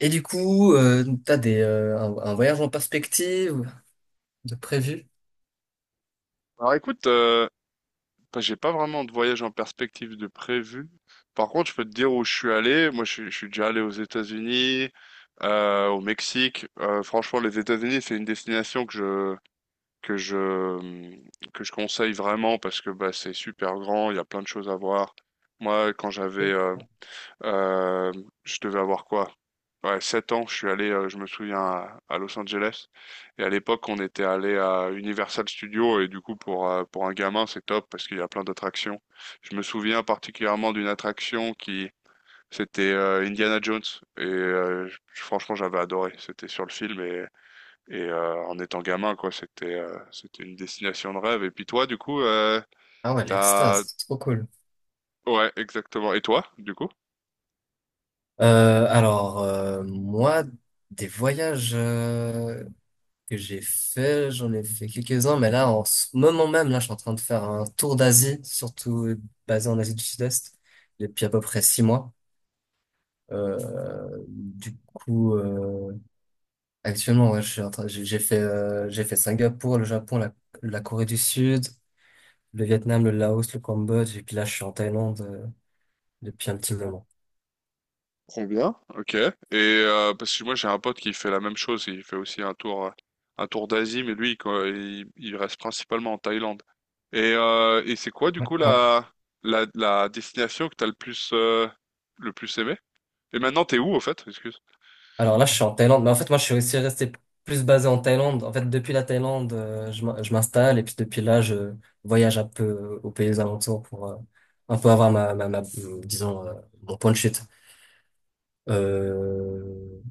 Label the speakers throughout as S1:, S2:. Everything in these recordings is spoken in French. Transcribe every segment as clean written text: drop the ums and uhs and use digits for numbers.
S1: Et du coup, t'as un voyage en perspective de prévu?
S2: Alors écoute, j'ai pas vraiment de voyage en perspective de prévu. Par contre, je peux te dire où je suis allé. Moi, je suis déjà allé aux États-Unis, au Mexique. Franchement, les États-Unis, c'est une destination que je hum, que je conseille vraiment parce que bah, c'est super grand, il y a plein de choses à voir. Moi, quand j'avais euh, je devais avoir quoi? Ouais, 7 ans, je suis allé, je me souviens, à Los Angeles. Et à l'époque, on était allé à Universal Studios. Et du coup, pour un gamin, c'est top parce qu'il y a plein d'attractions. Je me souviens particulièrement d'une attraction c'était Indiana Jones. Franchement, j'avais adoré. C'était sur le film. Et en étant gamin, quoi, c'était une destination de rêve. Et puis toi, du coup,
S1: Ah ouais,
S2: t'as...
S1: l'extase, c'est trop cool.
S2: Ouais, exactement. Et toi, du coup?
S1: Alors, moi, des voyages que j'ai fait, j'en ai fait quelques-uns, mais là, en ce moment même, là, je suis en train de faire un tour d'Asie, surtout basé en Asie du Sud-Est, depuis à peu près 6 mois. Du coup, actuellement, ouais, je suis en train, j'ai fait Singapour, le Japon, la Corée du Sud, le Vietnam, le Laos, le Cambodge, et puis là, je suis en Thaïlande depuis un petit moment.
S2: Trop bien, ok. Et parce que moi j'ai un pote qui fait la même chose, il fait aussi un tour d'Asie, mais lui quoi, il reste principalement en Thaïlande. Et c'est quoi du
S1: Ouais.
S2: coup la destination que t'as le plus aimé? Et maintenant t'es où au fait? Excuse.
S1: Alors là, je suis en Thaïlande, mais en fait, moi, je suis aussi resté plus basé en Thaïlande. En fait, depuis la Thaïlande, je m'installe, et puis depuis là, je voyage un peu aux pays alentours pour un peu avoir ma, ma, ma disons, mon point de chute. Euh,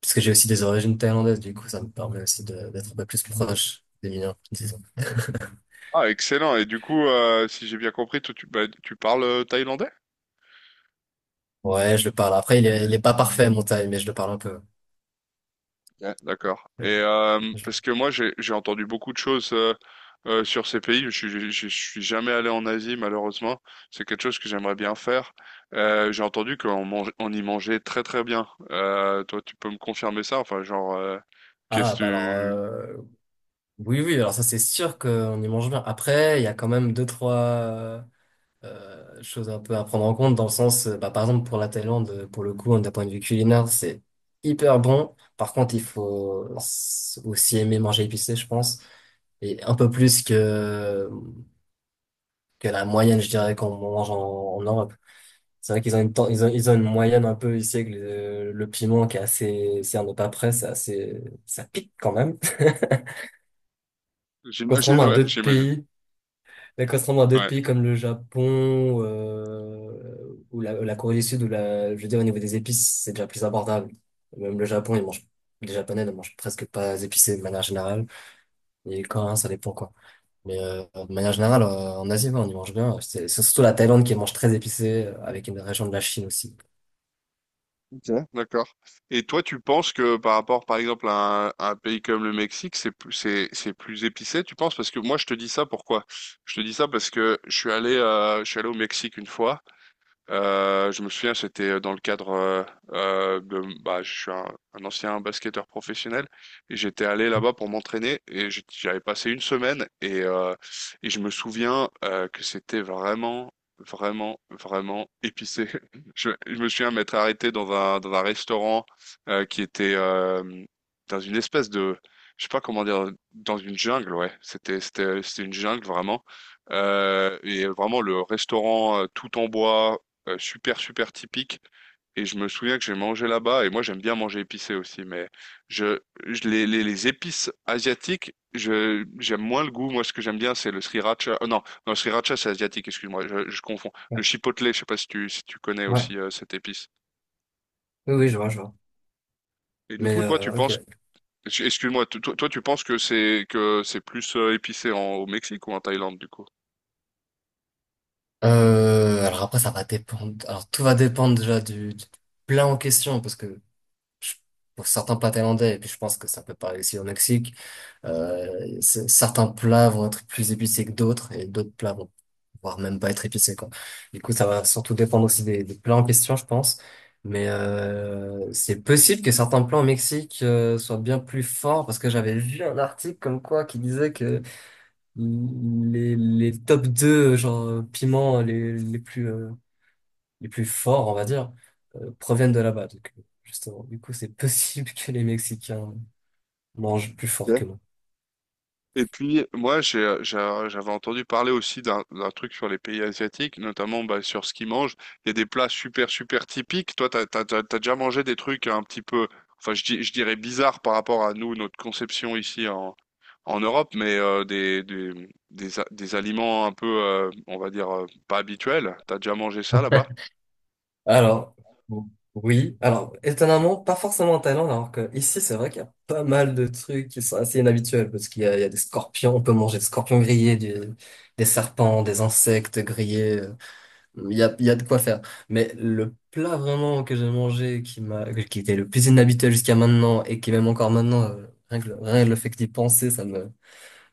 S1: Parce que j'ai aussi des origines thaïlandaises, du coup, ça me permet aussi d'être un peu plus proche des miens.
S2: Ah excellent. Et du coup, si j'ai bien compris, toi, tu, bah, tu parles thaïlandais?
S1: Ouais, je le parle. Après, il est pas parfait, mon taille, mais je le parle un peu.
S2: Ouais, d'accord. Et
S1: Je-
S2: euh,
S1: je
S2: parce
S1: le-
S2: que moi j'ai entendu beaucoup de choses sur ces pays. Je suis jamais allé en Asie malheureusement. C'est quelque chose que j'aimerais bien faire. J'ai entendu qu'on mange on y mangeait très très bien. Toi tu peux me confirmer ça? Enfin genre qu'est-ce
S1: Ah, bah alors,
S2: que tu
S1: oui, oui, alors ça, c'est sûr qu'on y mange bien. Après, il y a quand même deux, trois chose un peu à prendre en compte dans le sens, bah, par exemple, pour la Thaïlande, pour le coup, hein, d'un point de vue culinaire, c'est hyper bon. Par contre, il faut aussi aimer manger épicé, je pense, et un peu plus que, la moyenne, je dirais, qu'on mange en Europe. C'est vrai qu'ils ont une, ten- ils ont une moyenne un peu ici, avec le piment qui est assez, si on n'est pas prêt, c'est assez, ça pique quand même.
S2: j'imagine
S1: Contrairement à
S2: ouais
S1: d'autres
S2: j'imagine
S1: pays Mais contrairement à d'autres
S2: ouais.
S1: pays comme le Japon ou la Corée du Sud, où la, je veux dire, au niveau des épices, c'est déjà plus abordable. Même le Japon, les Japonais ne mangent presque pas épicé de manière générale. Et les Coréens, ça dépend quoi. Mais de manière générale, en Asie, ouais, on y mange bien. C'est surtout la Thaïlande qui mange très épicé, avec une région de la Chine aussi.
S2: Ok, d'accord. Et toi, tu penses que par rapport, par exemple, à un pays comme le Mexique, c'est plus épicé, tu penses? Parce que moi, je te dis ça pourquoi? Je te dis ça parce que je suis allé au Mexique une fois je me souviens, c'était dans le cadre de je suis un ancien basketteur professionnel et j'étais allé là-bas pour m'entraîner et j'avais passé une semaine et je me souviens que c'était vraiment, vraiment, vraiment épicé. Je me souviens m'être arrêté dans un restaurant qui était dans une espèce de, je sais pas comment dire, dans une jungle, ouais. C'était une jungle vraiment. Et vraiment le restaurant tout en bois, super typique. Et je me souviens que j'ai mangé là-bas, et moi j'aime bien manger épicé aussi, mais je, les épices asiatiques, j'aime moins le goût. Moi, ce que j'aime bien, c'est le sriracha. Non, non, le sriracha, c'est asiatique, excuse-moi, je confonds.
S1: Ouais.
S2: Le chipotle, je sais pas si tu connais
S1: Ouais.
S2: aussi cette épice.
S1: Oui, oui, je vois, je vois.
S2: Et du
S1: Mais
S2: coup, toi, tu
S1: ok.
S2: penses, excuse-moi, toi, tu penses que c'est plus épicé au Mexique ou en Thaïlande, du coup?
S1: Alors après, ça va dépendre. Alors tout va dépendre déjà du plat en question, parce que je- pour certains plats thaïlandais, et puis je pense que ça peut pas aussi au Mexique, certains plats vont être plus épicés que d'autres, et d'autres plats vont voire même pas être épicés, quoi. Du coup, ça va surtout dépendre aussi des plats en question, je pense. Mais c'est possible que certains plats au Mexique soient bien plus forts, parce que j'avais vu un article comme quoi qui disait que les top 2 genre, piments les plus forts, on va dire, proviennent de là-bas. Donc, justement, du coup, c'est possible que les Mexicains mangent plus fort que nous.
S2: Et puis, moi, j'avais entendu parler aussi d'un truc sur les pays asiatiques, notamment bah, sur ce qu'ils mangent. Il y a des plats super, super typiques. Toi, t'as déjà mangé des trucs un petit peu, enfin, je dirais bizarres par rapport à nous, notre conception en Europe, mais des aliments un peu, on va dire, pas habituels. T'as déjà mangé ça là-bas?
S1: Alors, oui. Alors, étonnamment, pas forcément en Thaïlande, alors que ici, c'est vrai qu'il y a pas mal de trucs qui sont assez inhabituels, parce qu'il y a, des scorpions, on peut manger des scorpions grillés, des serpents, des insectes grillés. Il y a de quoi faire. Mais le plat vraiment que j'ai mangé, qui était le plus inhabituel jusqu'à maintenant, et qui même encore maintenant, rien que le fait que d'y penser, ça me,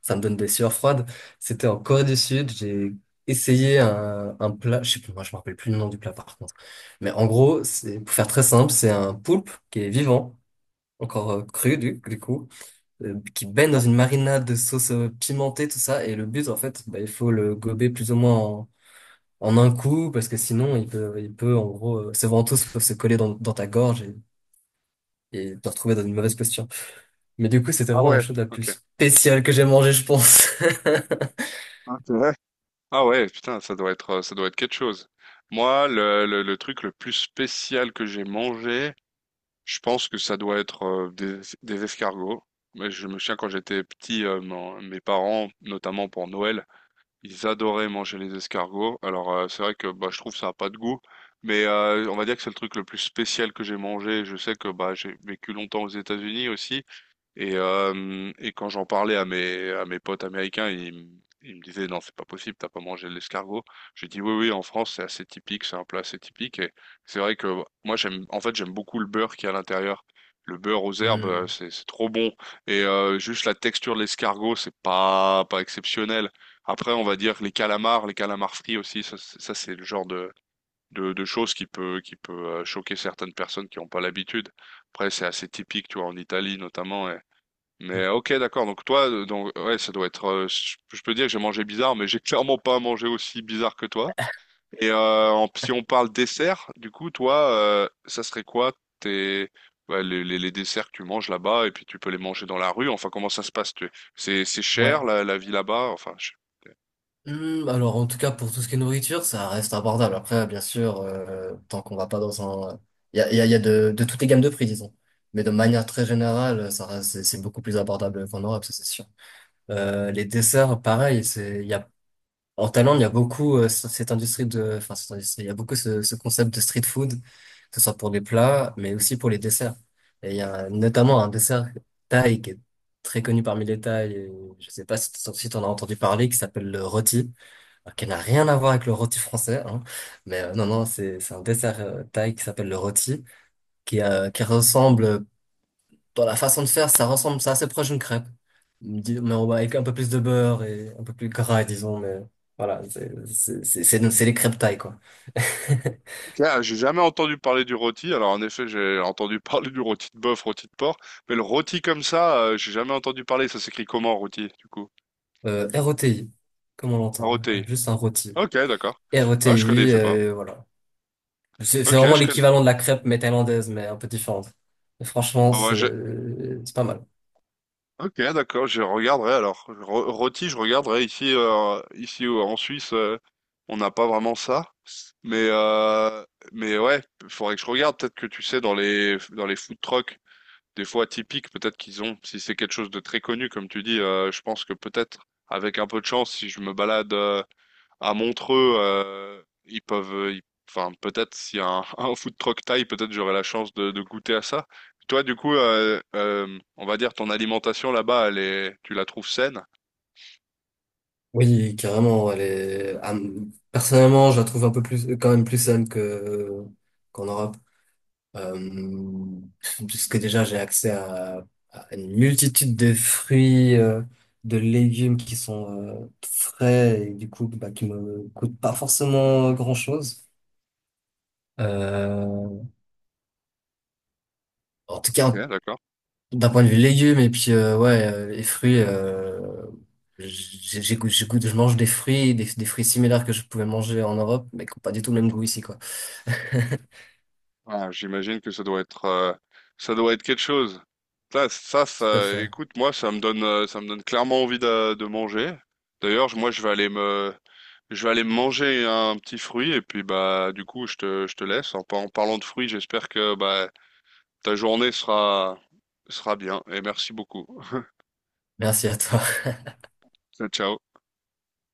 S1: ça me donne des sueurs froides. C'était en Corée du Sud, j'ai essayé un plat, je sais plus, moi je me rappelle plus le nom du plat par contre. Mais en gros, pour faire très simple, c'est un poulpe qui est vivant, encore cru du coup, qui baigne dans
S2: Non.
S1: une marinade de sauce pimentée, tout ça. Et le but en fait, bah, il faut le gober plus ou moins en, un coup, parce que sinon il peut en gros, ses ventouses peuvent se coller dans ta gorge et te retrouver dans une mauvaise posture. Mais du coup, c'était
S2: Ah
S1: vraiment la
S2: ouais,
S1: chose la
S2: ok.
S1: plus spéciale que j'ai mangée, je pense.
S2: Hein, c'est vrai. Ah ouais, putain, ça doit être quelque chose. Moi, le truc le plus spécial que j'ai mangé, je pense que ça doit être des escargots. Mais je me souviens quand j'étais petit, mes parents, notamment pour Noël, ils adoraient manger les escargots. Alors c'est vrai que bah, je trouve ça a pas de goût, mais on va dire que c'est le truc le plus spécial que j'ai mangé. Je sais que bah, j'ai vécu longtemps aux États-Unis aussi, et quand j'en parlais à mes potes américains, ils me disaient, non, c'est pas possible, t'as pas mangé de l'escargot. J'ai dit, oui, oui, en France, c'est assez typique, c'est un plat assez typique. Et c'est vrai que moi, j'aime, en fait, j'aime beaucoup le beurre qui est à l'intérieur. Le beurre aux herbes,
S1: Hmm.
S2: c'est trop bon. Et juste la texture de l'escargot, c'est pas, pas exceptionnel. Après, on va dire que les calamars frits aussi, c'est le genre de choses qui peut choquer certaines personnes qui n'ont pas l'habitude. Après, c'est assez typique, tu vois, en Italie notamment. Mais ok, d'accord. Donc toi, donc ouais, ça doit être. Je peux dire que j'ai mangé bizarre, mais j'ai clairement pas mangé aussi bizarre que toi. Si on parle dessert, du coup, toi, ça serait quoi tes, ouais, les desserts que tu manges là-bas et puis tu peux les manger dans la rue. Enfin, comment ça se passe? Tu- C'est
S1: Ouais.
S2: cher la vie là-bas. Enfin, je-
S1: Alors en tout cas pour tout ce qui est nourriture, ça reste abordable. Après, bien sûr, tant qu'on va pas il y a, il y a, il y a, de toutes les gammes de prix, disons. Mais de manière très générale, c'est beaucoup plus abordable qu'en Europe, ça c'est sûr. Les desserts, pareil, il y a, en Thaïlande, il y a beaucoup cette industrie de, il y a beaucoup ce concept de street food, que ce soit pour les plats, mais aussi pour les desserts. Et il y a notamment un dessert thaï qui est très connu parmi les Thaïs, et je sais pas si si t'en as entendu parler, qui s'appelle le rôti, qui n'a rien à voir avec le rôti français, hein. Mais non, non, c'est un dessert thaï qui s'appelle le rôti, qui, euh, qui ressemble, euh, dans la façon de faire, ça ressemble, c'est assez proche d'une crêpe. Mais on va avec un peu plus de beurre et un peu plus gras, disons, mais voilà, c'est les crêpes thaï, quoi.
S2: Ok, ah, j'ai jamais entendu parler du rôti. Alors en effet, j'ai entendu parler du rôti de bœuf, rôti de porc, mais le rôti comme ça, j'ai jamais entendu parler. Ça s'écrit comment rôti du coup?
S1: Rôti, comme on l'entend, hein,
S2: Rôti.
S1: juste un rôti.
S2: Ok, d'accord. Ah, je
S1: Rôti
S2: connaissais pas.
S1: voilà. C'est
S2: Ok,
S1: vraiment
S2: je connais.
S1: l'équivalent de la crêpe, mais thaïlandaise, mais un peu différente. Et franchement,
S2: Ah, bah,
S1: c'est
S2: je-
S1: c'est pas mal.
S2: Ok, d'accord. Je regarderai alors. Ro- Rôti, je regarderai ici, en Suisse, on n'a pas vraiment ça. Mais euh, mais ouais, faudrait que je regarde. Peut-être que tu sais dans les food trucks des fois atypiques peut-être qu'ils ont. Si c'est quelque chose de très connu, comme tu dis, je pense que peut-être avec un peu de chance, si je me balade à Montreux, enfin peut-être s'il y a un, un food truck thaï, peut-être j'aurai la chance de goûter à ça. Toi, du coup, on va dire ton alimentation là-bas, elle est, tu la trouves saine?
S1: Oui, carrément. Personnellement, je la trouve un peu plus, quand même plus saine que qu'en Europe, euh... puisque déjà j'ai accès à une multitude de fruits, de légumes qui sont frais et du coup bah, qui me coûtent pas forcément grand-chose. Euh... En tout
S2: Ok,
S1: cas,
S2: d'accord.
S1: d'un point de vue légumes et puis ouais les fruits j'ai- j'écoute j'écoute je mange des fruits des fruits similaires que je pouvais manger en Europe mais qui n'ont pas du tout le même goût ici quoi. Tout
S2: Ah, j'imagine que ça doit être quelque chose.
S1: à fait.
S2: Écoute, moi, ça me donne clairement envie de manger. D'ailleurs, je- moi, je vais aller me, je vais aller me manger un petit fruit et puis bah, du coup, je te laisse. En parlant de fruits, j'espère que bah, ta journée sera, sera bien. Et merci beaucoup.
S1: Merci à toi.
S2: Ciao.